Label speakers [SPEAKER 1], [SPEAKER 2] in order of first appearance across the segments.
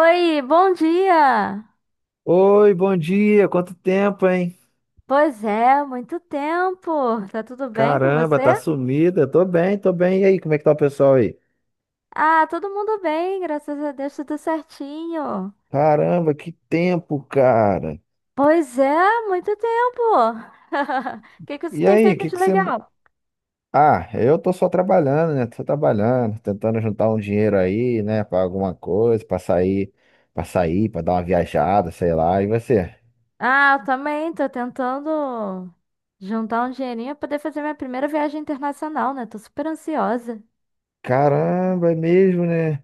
[SPEAKER 1] Oi, bom dia!
[SPEAKER 2] Oi, bom dia. Quanto tempo, hein?
[SPEAKER 1] Pois é, muito tempo. Tá tudo bem com
[SPEAKER 2] Caramba, tá
[SPEAKER 1] você?
[SPEAKER 2] sumida. Tô bem, tô bem. E aí, como é que tá o pessoal aí?
[SPEAKER 1] Ah, todo mundo bem, graças a Deus, tudo certinho.
[SPEAKER 2] Caramba, que tempo, cara.
[SPEAKER 1] Pois é, muito tempo. O que que você
[SPEAKER 2] E
[SPEAKER 1] tem
[SPEAKER 2] aí, o
[SPEAKER 1] feito
[SPEAKER 2] que
[SPEAKER 1] de
[SPEAKER 2] que você.
[SPEAKER 1] legal?
[SPEAKER 2] Ah, eu tô só trabalhando, né? Tô trabalhando, tentando juntar um dinheiro aí, né? Pra alguma coisa, pra sair, pra sair, pra dar uma viajada, sei lá. E você?
[SPEAKER 1] Ah, eu também tô tentando juntar um dinheirinho pra poder fazer minha primeira viagem internacional, né? Tô super ansiosa.
[SPEAKER 2] Caramba, é mesmo, né?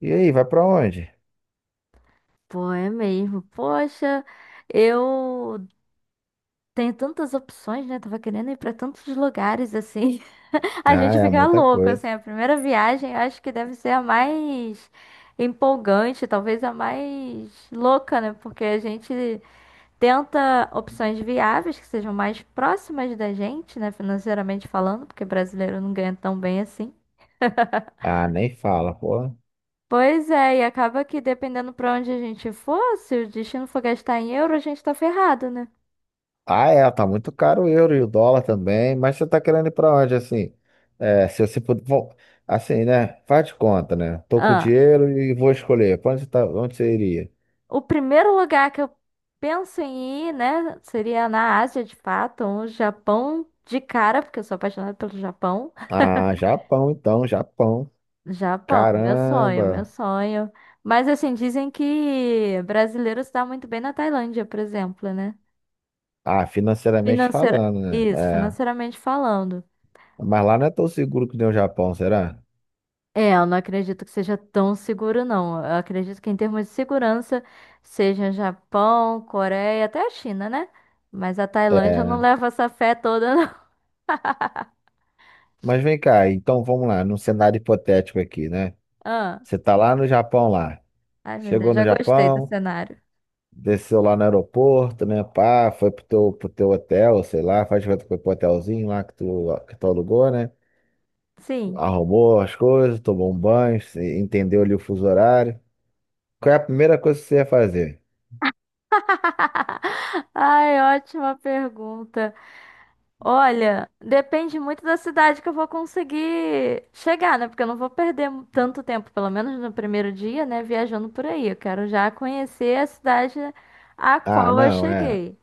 [SPEAKER 2] E aí, vai pra onde?
[SPEAKER 1] Pô, é mesmo. Poxa, eu tenho tantas opções, né? Tava querendo ir pra tantos lugares assim. A
[SPEAKER 2] Ah,
[SPEAKER 1] gente
[SPEAKER 2] é
[SPEAKER 1] fica
[SPEAKER 2] muita
[SPEAKER 1] louco,
[SPEAKER 2] coisa.
[SPEAKER 1] assim, a primeira viagem eu acho que deve ser a mais empolgante, talvez a mais louca, né? Porque a gente tenta opções viáveis que sejam mais próximas da gente, né? Financeiramente falando, porque brasileiro não ganha tão bem assim.
[SPEAKER 2] Ah, nem fala, pô.
[SPEAKER 1] Pois é, e acaba que dependendo pra onde a gente for, se o destino for gastar em euro, a gente tá ferrado, né?
[SPEAKER 2] Ah, é, tá muito caro o euro e o dólar também, mas você tá querendo ir pra onde, assim? É, se você puder, bom, assim, né? Faz de conta, né? Tô com
[SPEAKER 1] Ah,
[SPEAKER 2] dinheiro e vou escolher. Pra onde você tá, onde você iria?
[SPEAKER 1] o primeiro lugar que eu penso em ir, né, seria na Ásia, de fato, um Japão de cara, porque eu sou apaixonada pelo Japão.
[SPEAKER 2] Ah, Japão, então, Japão.
[SPEAKER 1] Japão, meu sonho, meu
[SPEAKER 2] Caramba.
[SPEAKER 1] sonho. Mas assim, dizem que brasileiro se dá muito bem na Tailândia, por exemplo, né?
[SPEAKER 2] Ah, financeiramente
[SPEAKER 1] Financeira...
[SPEAKER 2] falando, né?
[SPEAKER 1] Isso,
[SPEAKER 2] É.
[SPEAKER 1] financeiramente falando.
[SPEAKER 2] Mas lá não é tão seguro que nem o Japão, será?
[SPEAKER 1] É, eu não acredito que seja tão seguro, não. Eu acredito que em termos de segurança, seja Japão, Coreia, até a China, né? Mas a Tailândia eu não
[SPEAKER 2] É.
[SPEAKER 1] leva essa fé toda, não.
[SPEAKER 2] Mas vem cá, então vamos lá, num cenário hipotético aqui, né?
[SPEAKER 1] Ah.
[SPEAKER 2] Você tá lá no Japão, lá.
[SPEAKER 1] Ai, meu Deus,
[SPEAKER 2] Chegou no
[SPEAKER 1] já gostei do
[SPEAKER 2] Japão.
[SPEAKER 1] cenário.
[SPEAKER 2] Desceu lá no aeroporto, né? Pá, foi pro teu hotel, sei lá, faz de conta que foi pro hotelzinho lá que tu alugou, né?
[SPEAKER 1] Sim.
[SPEAKER 2] Arrumou as coisas, tomou um banho, entendeu ali o fuso horário. Qual é a primeira coisa que você ia fazer?
[SPEAKER 1] Ai, ótima pergunta. Olha, depende muito da cidade que eu vou conseguir chegar, né? Porque eu não vou perder tanto tempo, pelo menos no primeiro dia, né? Viajando por aí. Eu quero já conhecer a cidade a
[SPEAKER 2] Ah,
[SPEAKER 1] qual eu
[SPEAKER 2] não, é.
[SPEAKER 1] cheguei.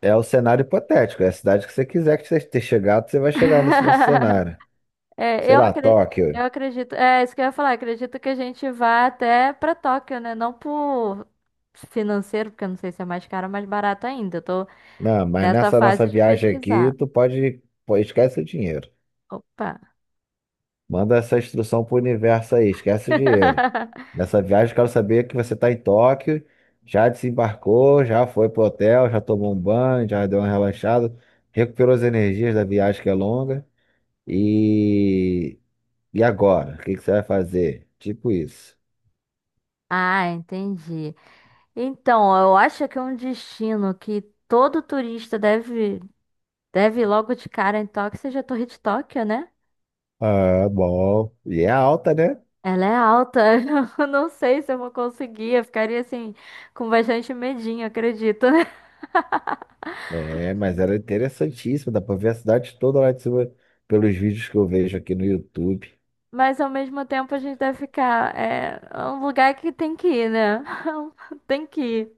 [SPEAKER 2] É o cenário hipotético, é a cidade que você quiser que você ter chegado, você vai chegar nesse nosso cenário.
[SPEAKER 1] É,
[SPEAKER 2] Sei
[SPEAKER 1] eu
[SPEAKER 2] lá,
[SPEAKER 1] acredito.
[SPEAKER 2] Tóquio.
[SPEAKER 1] Eu acredito, é isso que eu ia falar, acredito que a gente vá até pra Tóquio, né? Não por financeiro, porque eu não sei se é mais caro ou mais barato ainda. Eu tô
[SPEAKER 2] Não, mas
[SPEAKER 1] nessa
[SPEAKER 2] nessa nossa
[SPEAKER 1] fase de
[SPEAKER 2] viagem aqui,
[SPEAKER 1] pesquisar.
[SPEAKER 2] tu pode, pô, esquece o dinheiro.
[SPEAKER 1] Opa.
[SPEAKER 2] Manda essa instrução pro universo aí, esquece o dinheiro. Nessa viagem, eu quero saber que você está em Tóquio, já desembarcou, já foi pro hotel, já tomou um banho, já deu uma relaxada, recuperou as energias da viagem que é longa. E, e agora? O que que você vai fazer? Tipo isso.
[SPEAKER 1] Ah, entendi. Então, eu acho que é um destino que todo turista deve ir logo de cara em Tóquio, seja a Torre de Tóquio, né?
[SPEAKER 2] Ah, bom. E é alta, né?
[SPEAKER 1] Ela é alta. Eu não sei se eu vou conseguir. Eu ficaria assim, com bastante medinho, acredito.
[SPEAKER 2] É, mas era interessantíssimo, dá pra ver a cidade toda lá de cima pelos vídeos que eu vejo aqui no YouTube.
[SPEAKER 1] Mas ao mesmo tempo a gente deve ficar. É, é um lugar que tem que ir, né? Tem que ir.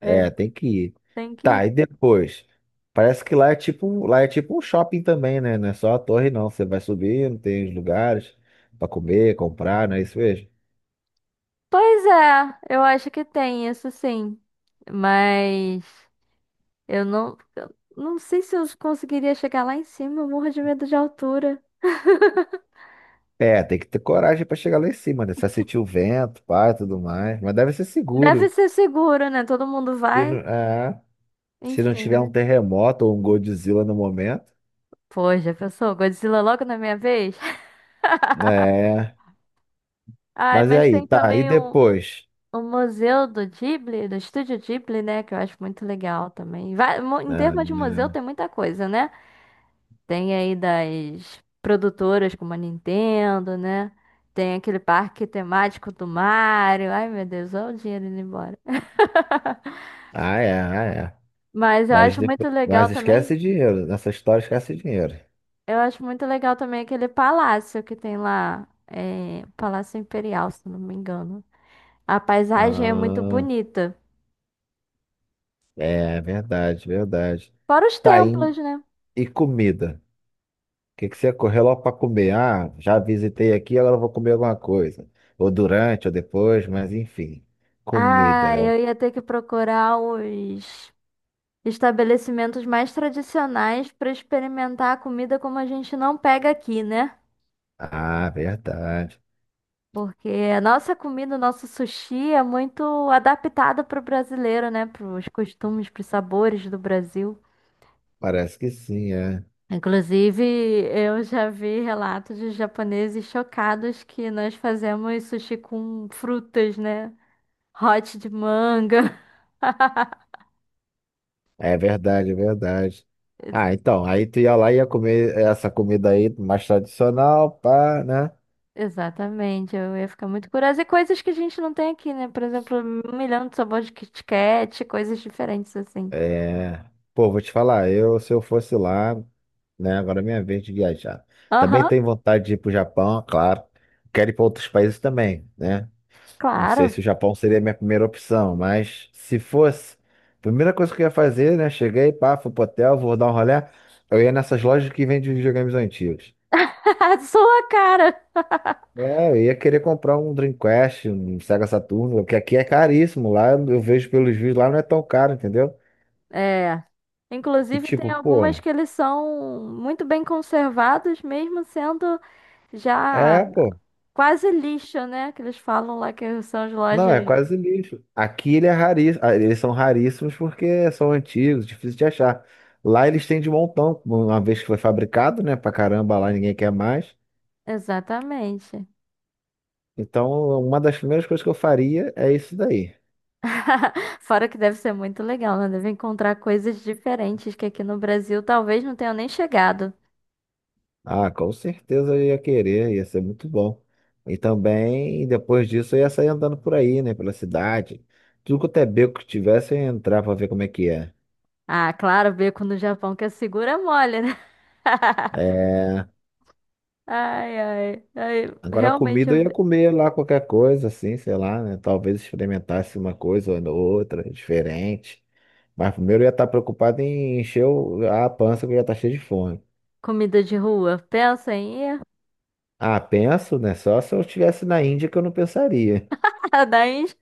[SPEAKER 1] É,
[SPEAKER 2] É, tem que ir.
[SPEAKER 1] tem que
[SPEAKER 2] Tá,
[SPEAKER 1] ir.
[SPEAKER 2] e depois? Parece que lá é tipo, lá é tipo um shopping também, né? Não é só a torre, não. Você vai subindo, tem os lugares pra comer, comprar, não é isso mesmo?
[SPEAKER 1] Pois é, eu acho que tem isso sim. Mas eu não sei se eu conseguiria chegar lá em cima, eu morro de medo de altura.
[SPEAKER 2] É, tem que ter coragem pra chegar lá em cima, né? Você vai sentir o vento, pá, e tudo mais. Mas deve ser
[SPEAKER 1] Deve
[SPEAKER 2] seguro.
[SPEAKER 1] ser seguro, né? Todo mundo
[SPEAKER 2] Se não,
[SPEAKER 1] vai.
[SPEAKER 2] é, se não
[SPEAKER 1] Enfim,
[SPEAKER 2] tiver um
[SPEAKER 1] né?
[SPEAKER 2] terremoto ou um Godzilla no momento.
[SPEAKER 1] Pô, já pensou? Godzilla logo na minha vez?
[SPEAKER 2] É.
[SPEAKER 1] Ai,
[SPEAKER 2] Mas e
[SPEAKER 1] mas
[SPEAKER 2] aí?
[SPEAKER 1] tem
[SPEAKER 2] Tá, e
[SPEAKER 1] também
[SPEAKER 2] depois?
[SPEAKER 1] o Museu do Ghibli, do Estúdio Ghibli, né? Que eu acho muito legal também. Em
[SPEAKER 2] Ah,
[SPEAKER 1] termos de
[SPEAKER 2] né?
[SPEAKER 1] museu, tem muita coisa, né? Tem aí das produtoras como a Nintendo, né? Tem aquele parque temático do Mario. Ai, meu Deus, olha o dinheiro indo embora.
[SPEAKER 2] Ah, é, ah, é.
[SPEAKER 1] Mas eu
[SPEAKER 2] Mas,
[SPEAKER 1] acho muito
[SPEAKER 2] depois,
[SPEAKER 1] legal
[SPEAKER 2] mas
[SPEAKER 1] também.
[SPEAKER 2] esquece dinheiro. Nessa história, esquece dinheiro.
[SPEAKER 1] Eu acho muito legal também aquele palácio que tem lá. É, Palácio Imperial, se não me engano. A paisagem é muito
[SPEAKER 2] Ah,
[SPEAKER 1] bonita.
[SPEAKER 2] é verdade, verdade.
[SPEAKER 1] Fora os
[SPEAKER 2] Tá,
[SPEAKER 1] templos, né?
[SPEAKER 2] e comida? O que que você correu logo para comer? Ah, já visitei aqui, agora eu vou comer alguma coisa. Ou durante, ou depois, mas enfim. Comida
[SPEAKER 1] Ah,
[SPEAKER 2] é. o-
[SPEAKER 1] eu ia ter que procurar os estabelecimentos mais tradicionais para experimentar a comida como a gente não pega aqui, né?
[SPEAKER 2] Ah, verdade.
[SPEAKER 1] Porque a nossa comida, o nosso sushi é muito adaptado para o brasileiro, né? Para os costumes, para os sabores do Brasil.
[SPEAKER 2] Parece que sim, é.
[SPEAKER 1] Inclusive, eu já vi relatos de japoneses chocados que nós fazemos sushi com frutas, né? Hot de manga.
[SPEAKER 2] É verdade, é verdade.
[SPEAKER 1] Ex-
[SPEAKER 2] Ah, então, aí tu ia lá e ia comer essa comida aí mais tradicional, pá, né?
[SPEAKER 1] Exatamente, eu ia ficar muito curiosa. E coisas que a gente não tem aqui, né? Por exemplo, um milhão de sabores de Kit Kat, coisas diferentes assim.
[SPEAKER 2] É, pô, vou te falar, eu se eu fosse lá, né, agora é minha vez de viajar. Também
[SPEAKER 1] Aham,
[SPEAKER 2] tenho vontade de ir pro Japão, claro. Quero ir para outros países também, né? Não sei
[SPEAKER 1] claro.
[SPEAKER 2] se o Japão seria a minha primeira opção, mas se fosse, primeira coisa que eu ia fazer, né? Cheguei, pá, fui pro hotel, vou dar um rolê. Eu ia nessas lojas que vendem videogames antigos.
[SPEAKER 1] Sua cara.
[SPEAKER 2] É, eu ia querer comprar um Dreamcast, um Sega Saturno, que aqui é caríssimo. Lá eu vejo pelos vídeos, lá não é tão caro, entendeu?
[SPEAKER 1] É.
[SPEAKER 2] E
[SPEAKER 1] Inclusive,
[SPEAKER 2] tipo,
[SPEAKER 1] tem
[SPEAKER 2] pô,
[SPEAKER 1] algumas que eles são muito bem conservados, mesmo sendo já
[SPEAKER 2] é, pô.
[SPEAKER 1] quase lixo, né? Que eles falam lá que são as
[SPEAKER 2] Não, é
[SPEAKER 1] lojas.
[SPEAKER 2] quase lixo. Aqui ele é raríssimo, eles são raríssimos porque são antigos, difícil de achar. Lá eles têm de montão, uma vez que foi fabricado, né? Pra caramba, lá ninguém quer mais.
[SPEAKER 1] Exatamente.
[SPEAKER 2] Então, uma das primeiras coisas que eu faria é isso daí.
[SPEAKER 1] Fora que deve ser muito legal, né? Deve encontrar coisas diferentes que aqui no Brasil talvez não tenham nem chegado.
[SPEAKER 2] Ah, com certeza eu ia querer, ia ser muito bom. E também, depois disso, eu ia sair andando por aí, né? Pela cidade. Tudo quanto é beco que tivesse, eu ia entrar pra ver como é que é.
[SPEAKER 1] Ah, claro, beco no Japão que é segura mole, né?
[SPEAKER 2] É,
[SPEAKER 1] Ai, ai, ai.
[SPEAKER 2] agora, a
[SPEAKER 1] Realmente,
[SPEAKER 2] comida eu
[SPEAKER 1] eu-
[SPEAKER 2] ia comer lá qualquer coisa, assim, sei lá, né? Talvez experimentasse uma coisa ou outra, diferente. Mas primeiro eu ia estar preocupado em encher a pança, que eu ia estar cheio de fome.
[SPEAKER 1] comida de rua. Pensa em ir?
[SPEAKER 2] Ah, penso, né? Só se eu estivesse na Índia que eu não pensaria.
[SPEAKER 1] A da Índia,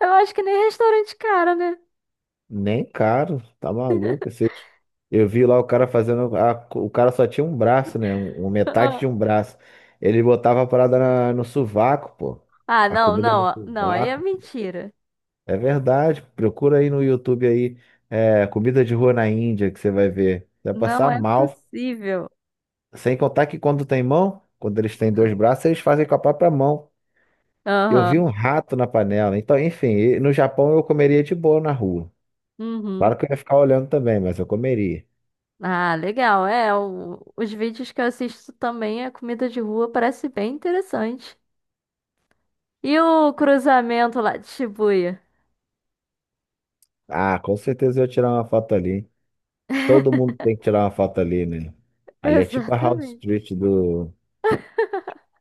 [SPEAKER 1] eu acho que nem restaurante cara, né?
[SPEAKER 2] Nem caro, tá maluco. Eu vi lá o cara fazendo. O cara só tinha um braço, né? Um, metade de
[SPEAKER 1] Ah,
[SPEAKER 2] um braço. Ele botava a parada no sovaco, pô.
[SPEAKER 1] ah,
[SPEAKER 2] A
[SPEAKER 1] não,
[SPEAKER 2] comida no
[SPEAKER 1] não, não, aí é
[SPEAKER 2] sovaco.
[SPEAKER 1] mentira.
[SPEAKER 2] É verdade. Procura aí no YouTube aí, é, comida de rua na Índia, que você vai ver. Você vai
[SPEAKER 1] Não
[SPEAKER 2] passar
[SPEAKER 1] é
[SPEAKER 2] mal.
[SPEAKER 1] possível.
[SPEAKER 2] Sem contar que quando tem mão, quando eles têm dois braços, eles fazem com a própria mão. Eu vi um
[SPEAKER 1] Aham,
[SPEAKER 2] rato na panela. Então, enfim, e no Japão eu comeria de boa na rua.
[SPEAKER 1] uhum.
[SPEAKER 2] Claro que eu ia ficar olhando também, mas eu comeria.
[SPEAKER 1] Ah, legal, é, o- os vídeos que eu assisto também, a comida de rua parece bem interessante. E o cruzamento lá de Shibuya?
[SPEAKER 2] Ah, com certeza eu ia tirar uma foto ali. Todo mundo tem que tirar uma foto ali, né? Ali é tipo a House
[SPEAKER 1] Exatamente.
[SPEAKER 2] Street do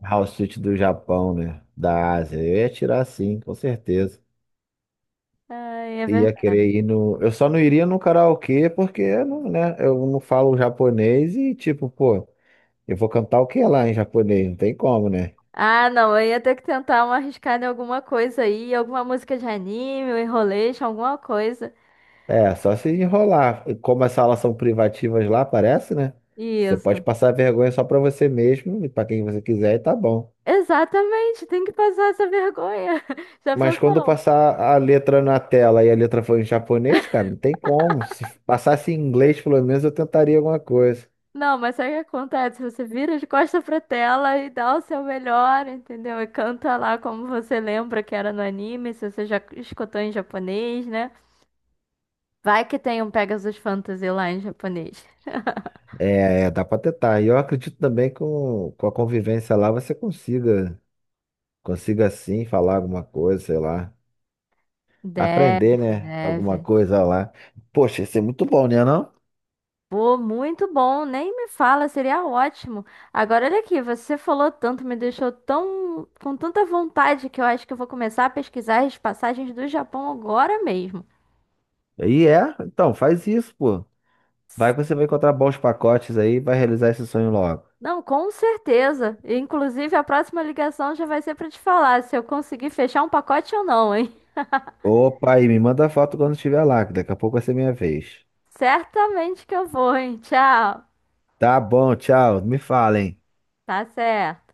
[SPEAKER 2] Japão, né? Da Ásia. Eu ia tirar sim, com certeza.
[SPEAKER 1] Ai, é
[SPEAKER 2] Ia
[SPEAKER 1] verdade.
[SPEAKER 2] querer ir no. Eu só não iria no karaokê porque eu não, né? Eu não falo japonês e, tipo, pô, eu vou cantar o que lá em japonês? Não tem como, né?
[SPEAKER 1] Ah, não, eu ia ter que tentar uma arriscada em alguma coisa aí, alguma música de anime, um enrolation, alguma coisa.
[SPEAKER 2] É, só se enrolar. E como as salas são privativas lá, parece, né? Você pode
[SPEAKER 1] Isso.
[SPEAKER 2] passar vergonha só pra você mesmo e pra quem você quiser e tá bom.
[SPEAKER 1] Exatamente, tem que passar essa vergonha. Já
[SPEAKER 2] Mas quando
[SPEAKER 1] pensou?
[SPEAKER 2] passar a letra na tela e a letra for em japonês, cara, não tem como. Se passasse em inglês, pelo menos eu tentaria alguma coisa.
[SPEAKER 1] Não, mas sabe o que acontece? Você vira de costa pra tela e dá o seu melhor, entendeu? E canta lá como você lembra que era no anime, se você já escutou em japonês, né? Vai que tem um Pegasus Fantasy lá em japonês.
[SPEAKER 2] É, é, dá para tentar. E eu acredito também que com a convivência lá você consiga, consiga sim falar alguma coisa, sei lá.
[SPEAKER 1] Deve,
[SPEAKER 2] Aprender, né? Alguma
[SPEAKER 1] deve.
[SPEAKER 2] coisa lá. Poxa, isso é muito bom, né, não?
[SPEAKER 1] Pô, muito bom, nem me fala, seria ótimo. Agora, olha aqui, você falou tanto, me deixou tão com tanta vontade que eu acho que eu vou começar a pesquisar as passagens do Japão agora mesmo.
[SPEAKER 2] E é, então, faz isso, pô. Vai que você vai encontrar bons pacotes aí e vai realizar esse sonho logo.
[SPEAKER 1] Não, com certeza. Inclusive, a próxima ligação já vai ser para te falar se eu conseguir fechar um pacote ou não, hein?
[SPEAKER 2] Opa, e me manda foto quando estiver lá, que daqui a pouco vai ser minha vez.
[SPEAKER 1] Certamente que eu vou, hein? Tchau.
[SPEAKER 2] Tá bom, tchau. Me falem.
[SPEAKER 1] Tá certo.